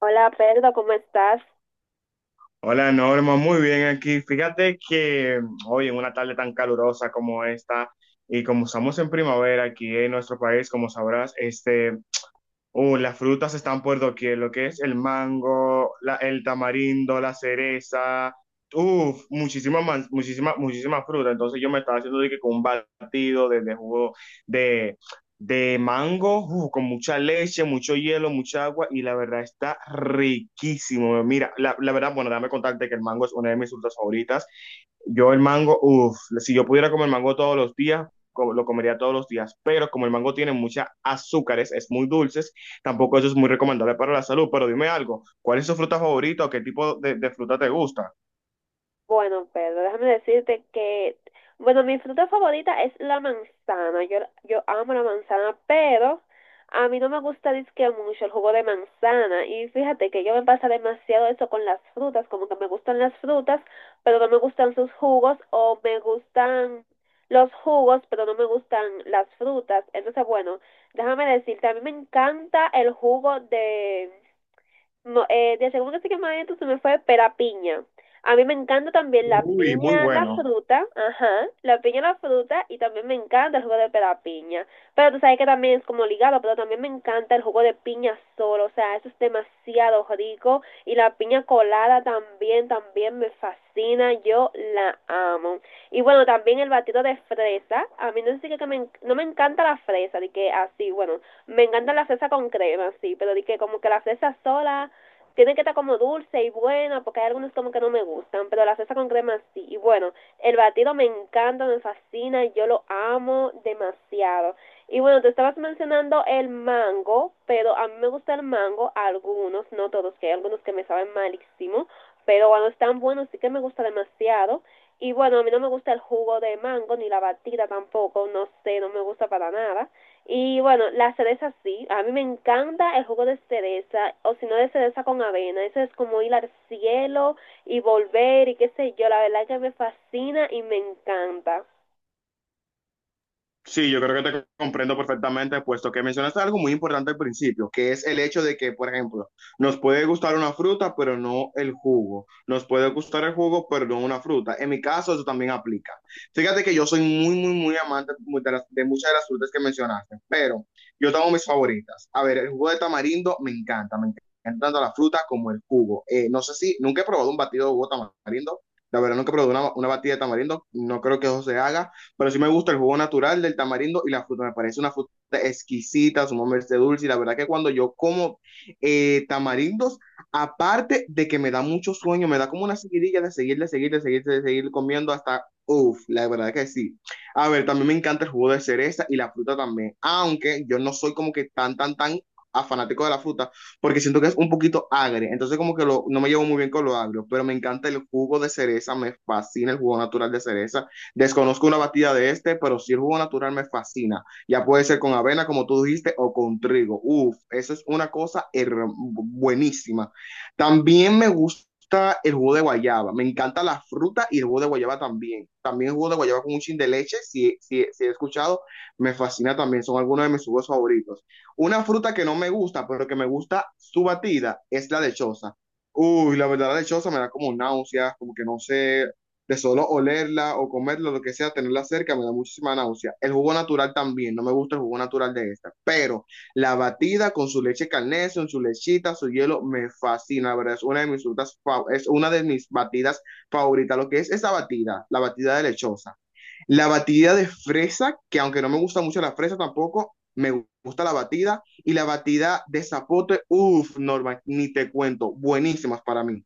Hola Pedro, ¿cómo estás? Hola Norma, muy bien aquí. Fíjate que hoy en una tarde tan calurosa como esta y como estamos en primavera aquí en nuestro país, como sabrás, las frutas están por doquier, lo que es el mango, el tamarindo, la cereza, uff, muchísima, muchísima, muchísima fruta. Entonces yo me estaba haciendo de que con un batido de jugo de, de mango, uf, con mucha leche, mucho hielo, mucha agua, y la verdad está riquísimo. Mira, la verdad, bueno, dame contarte que el mango es una de mis frutas favoritas. Yo el mango, uff, si yo pudiera comer mango todos los días, lo comería todos los días, pero como el mango tiene muchas azúcares, es muy dulce, tampoco eso es muy recomendable para la salud. Pero dime algo, ¿cuál es tu fruta favorita o qué tipo de fruta te gusta? Bueno, Pedro, déjame decirte que, bueno, mi fruta favorita es la manzana. Yo amo la manzana, pero a mí no me gusta dizque mucho el jugo de manzana. Y fíjate que yo me pasa demasiado eso con las frutas, como que me gustan las frutas, pero no me gustan sus jugos, o me gustan los jugos, pero no me gustan las frutas. Entonces, bueno, déjame decirte, a mí me encanta el jugo de... No, de segundo que más adentro se me fue pera piña. A mí me encanta también la Uy, muy piña, la bueno. fruta, ajá, la piña, la fruta, y también me encanta el jugo de pera piña. Pero tú sabes que también es como ligado, pero también me encanta el jugo de piña solo, o sea, eso es demasiado rico. Y la piña colada también, también me fascina, yo la amo. Y bueno, también el batido de fresa, a mí no sé si que me, no me encanta la fresa, de que así, bueno, me encanta la fresa con crema, sí, pero de que como que la fresa sola tiene que estar como dulce y buena, porque hay algunos como que no me gustan, pero la salsa con crema sí. Y bueno, el batido me encanta, me fascina, yo lo amo demasiado. Y bueno, te estabas mencionando el mango, pero a mí me gusta el mango, algunos, no todos, que hay algunos que me saben malísimo, pero cuando están buenos sí que me gusta demasiado. Y bueno, a mí no me gusta el jugo de mango, ni la batida tampoco, no sé, no me gusta para nada. Y bueno, la cereza sí, a mí me encanta el jugo de cereza, o si no de cereza con avena, eso es como ir al cielo y volver y qué sé yo, la verdad es que me fascina y me encanta. Sí, yo creo que te comprendo perfectamente, puesto que mencionaste algo muy importante al principio, que es el hecho de que, por ejemplo, nos puede gustar una fruta, pero no el jugo. Nos puede gustar el jugo, pero no una fruta. En mi caso, eso también aplica. Fíjate que yo soy muy, muy, muy amante de, de muchas de las frutas que mencionaste, pero yo tengo mis favoritas. A ver, el jugo de tamarindo me encanta tanto la fruta como el jugo. No sé si nunca he probado un batido de jugo de tamarindo. La verdad, nunca he probado una batida de tamarindo. No creo que eso se haga. Pero sí me gusta el jugo natural del tamarindo y la fruta. Me parece una fruta exquisita, sumamente dulce. Y la verdad que cuando yo como tamarindos, aparte de que me da mucho sueño, me da como una seguidilla de seguir, de seguir, de seguir, de seguir comiendo hasta, uff, la verdad que sí. A ver, también me encanta el jugo de cereza y la fruta también. Aunque yo no soy como que tan, tan, tan a fanático de la fruta, porque siento que es un poquito agre, entonces como que lo, no me llevo muy bien con lo agrio, pero me encanta el jugo de cereza, me fascina el jugo natural de cereza. Desconozco una batida de este, pero si el jugo natural me fascina. Ya puede ser con avena, como tú dijiste, o con trigo. Uf, eso es una cosa buenísima. También me gusta el jugo de guayaba. Me encanta la fruta y el jugo de guayaba también. También el jugo de guayaba con un chin de leche, si, si, si he escuchado, me fascina también. Son algunos de mis jugos favoritos. Una fruta que no me gusta, pero que me gusta su batida, es la lechosa. Uy, la verdad, la lechosa me da como náuseas, como que no sé, de solo olerla o comerla, lo que sea, tenerla cerca, me da muchísima náusea. El jugo natural también, no me gusta el jugo natural de esta, pero la batida con su leche Carnation, con su lechita, su hielo, me fascina, la verdad, es una de mis frutas, es una de mis batidas favoritas, lo que es esa batida, la batida de lechosa. La batida de fresa, que aunque no me gusta mucho la fresa tampoco, me gusta la batida y la batida de zapote, uff, Norma, ni te cuento, buenísimas para mí.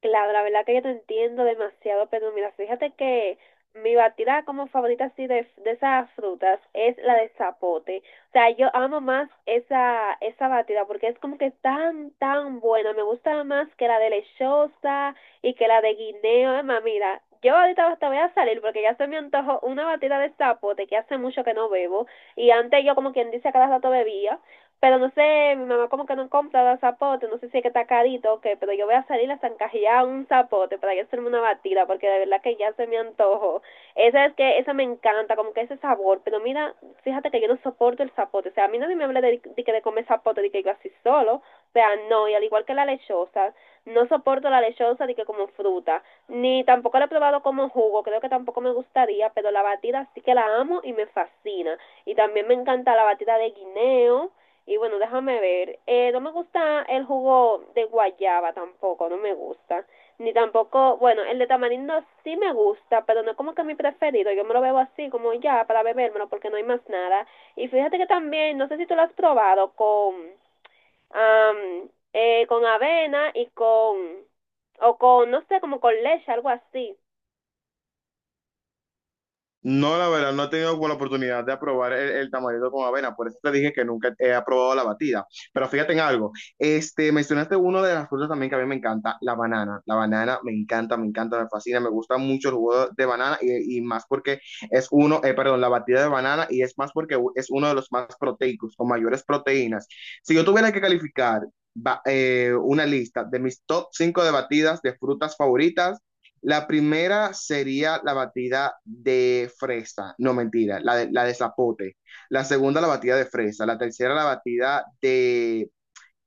Claro, la verdad que yo te entiendo demasiado, pero mira, fíjate que mi batida como favorita así de esas frutas es la de zapote. O sea, yo amo más esa, esa batida porque es como que tan, tan buena. Me gusta más que la de lechosa y que la de guineo. Es más, mira, yo ahorita hasta voy a salir porque ya se me antojó una batida de zapote que hace mucho que no bebo. Y antes yo como quien dice a cada rato bebía. Pero no sé, mi mamá como que no compra los zapotes, no sé si es que está carito o qué, pero yo voy a salir a zancajear un zapote para yo hacerme una batida, porque de verdad que ya se me antojo. Esa es que, esa me encanta, como que ese sabor, pero mira, fíjate que yo no soporto el zapote, o sea, a mí nadie me habla de que de comer zapote, de que yo así solo, o sea, no, y al igual que la lechosa, no soporto la lechosa de que como fruta, ni tampoco la he probado como jugo, creo que tampoco me gustaría, pero la batida sí que la amo y me fascina. Y también me encanta la batida de guineo, y bueno, déjame ver. No me gusta el jugo de guayaba tampoco, no me gusta. Ni tampoco, bueno, el de tamarindo sí me gusta, pero no es como que mi preferido. Yo me lo bebo así, como ya, para bebérmelo, porque no hay más nada. Y fíjate que también, no sé si tú lo has probado con, con avena y con, o con, no sé, como con leche, algo así. No, la verdad, no he tenido como la oportunidad de aprobar el tamalito con avena, por eso te dije que nunca he aprobado la batida. Pero fíjate en algo, este, mencionaste una de las frutas también que a mí me encanta, la banana. La banana me encanta, me encanta, me fascina, me gusta mucho el jugo de banana y más porque es uno, perdón, la batida de banana y es más porque es uno de los más proteicos, con mayores proteínas. Si yo tuviera que calificar una lista de mis top 5 de batidas de frutas favoritas, la primera sería la batida de fresa, no mentira, la de zapote. La segunda, la batida de fresa. La tercera, la batida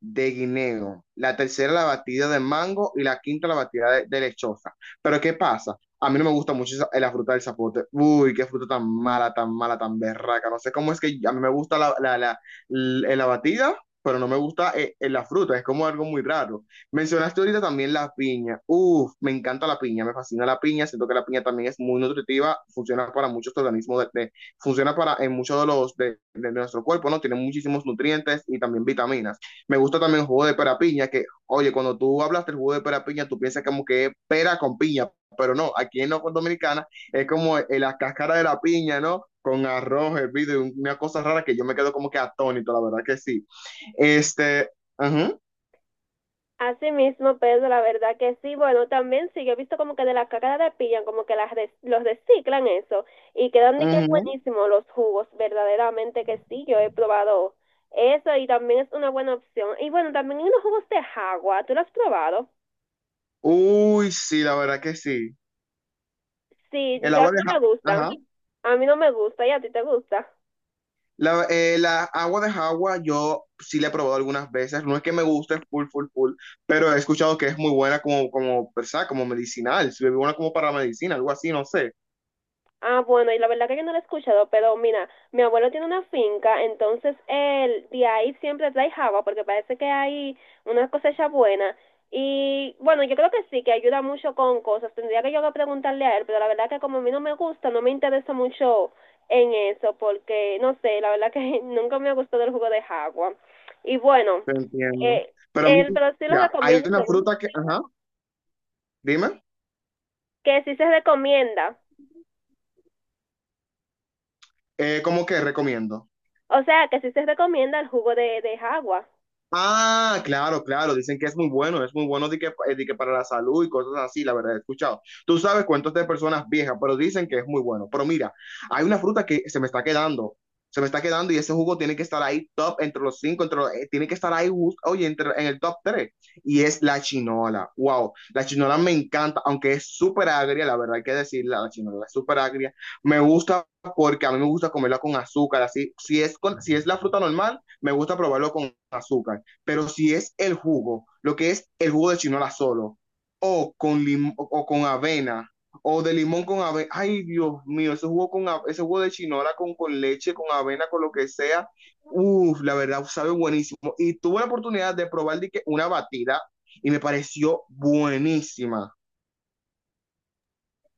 de guineo, la tercera la batida de mango y la quinta la batida de lechosa. Pero ¿qué pasa? A mí no me gusta mucho la fruta del zapote. Uy, qué fruta tan mala, tan mala, tan berraca. No sé cómo es que a mí me gusta la batida, pero no me gusta la fruta. Es como algo muy raro. Mencionaste ahorita también la piña. Uf, me encanta la piña, me fascina la piña. Siento que la piña también es muy nutritiva, funciona para muchos organismos, funciona para en muchos de los de nuestro cuerpo, ¿no? Tiene muchísimos nutrientes y también vitaminas. Me gusta también el jugo de pera piña, que, oye, cuando tú hablas del jugo de pera piña, tú piensas como que es pera con piña, pero no, aquí en la Dominicana es como la cáscara de la piña, ¿no? Con arroz, hervido, y una cosa rara que yo me quedo como que atónito, la verdad que sí. Este, ajá, Así mismo, Pedro, la verdad que sí. Bueno, también sí, yo he visto como que de la caca de pillan, como que los reciclan eso y quedan de que ajá. buenísimo los jugos, verdaderamente que sí, yo he probado eso y también es una buena opción. Y bueno, también hay unos jugos de agua, ¿tú lo has probado? Uy, sí, la verdad que sí. Sí, El ya a agua mí de no me ajá. gustan, a mí no me gusta y a ti te gusta. La, la agua de Jagua yo sí la he probado algunas veces, no es que me guste full, full, full, pero he escuchado que es muy buena como, como, ¿verdad? Como medicinal, se bebe una como para la medicina, algo así, no sé, Ah, bueno, y la verdad que yo no lo he escuchado, pero mira, mi abuelo tiene una finca, entonces él de ahí siempre trae java, porque parece que hay una cosecha buena. Y bueno, yo creo que sí, que ayuda mucho con cosas. Tendría que yo que preguntarle a él, pero la verdad que como a mí no me gusta, no me interesa mucho en eso, porque no sé, la verdad que nunca me ha gustado el jugo de jagua. Y bueno, te entiendo. eh, Pero él, pero sí lo mira, hay recomiendo una según fruta que, ajá, dime, que sí se recomienda. ¿Cómo que recomiendo? O sea, que sí se recomienda el jugo de jagua. Ah, claro, claro, dicen que es muy bueno de que para la salud y cosas así, la verdad, he escuchado. Tú sabes cuentos de personas viejas, pero dicen que es muy bueno. Pero mira, hay una fruta que se me está quedando, se me está quedando y ese jugo tiene que estar ahí top entre los 5, tiene que estar ahí, oye, entre, en el top 3. Y es la chinola, wow, la chinola me encanta, aunque es súper agria, la verdad hay que decirla, la chinola es súper agria. Me gusta porque a mí me gusta comerla con azúcar, así, si es, con, si es la fruta normal, me gusta probarlo con azúcar, pero si es el jugo, lo que es el jugo de chinola solo, o con, lim o con avena, o de limón con avena, ay Dios mío, ese jugo, con ese jugo de chinola con leche, con avena, con lo que sea, uff, la verdad sabe buenísimo. Y tuve la oportunidad de probar de que una batida y me pareció buenísima.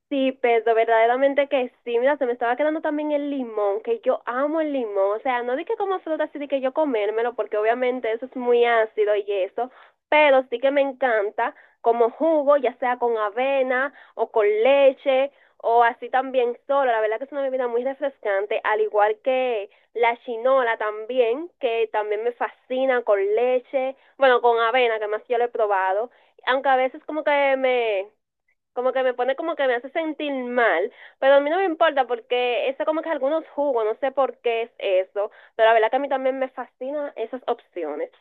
Sí, pero verdaderamente que sí. Mira, se me estaba quedando también el limón, que yo amo el limón. O sea, no di que como fruta, sí di que yo comérmelo, porque obviamente eso es muy ácido y eso. Pero sí que me encanta como jugo, ya sea con avena o con leche o así también solo. La verdad que es una bebida muy refrescante, al igual que la chinola también, que también me fascina con leche, bueno, con avena, que más yo lo he probado. Aunque a veces como que me pone como que me hace sentir mal, pero a mí no me importa porque eso como que algunos jugos, no sé por qué es eso, pero la verdad que a mí también me fascinan esas opciones.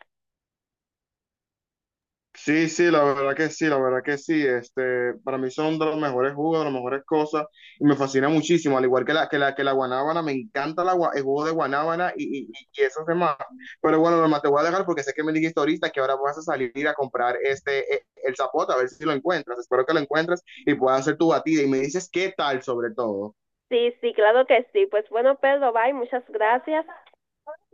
Sí, sí, la verdad que sí, la verdad que sí. Este, para mí son de los mejores jugos, de las mejores cosas, y me fascina muchísimo. Al igual que la, que la, que la guanábana, me encanta la, el jugo de guanábana y esos demás. Pero bueno, Norma, te voy a dejar porque sé que me dijiste ahorita que ahora vas a salir a comprar este, el zapote, a ver si lo encuentras. Espero que lo encuentres y puedas hacer tu batida. Y me dices qué tal sobre todo. Sí, sí, claro que sí. Pues bueno, Pedro, bye, muchas gracias.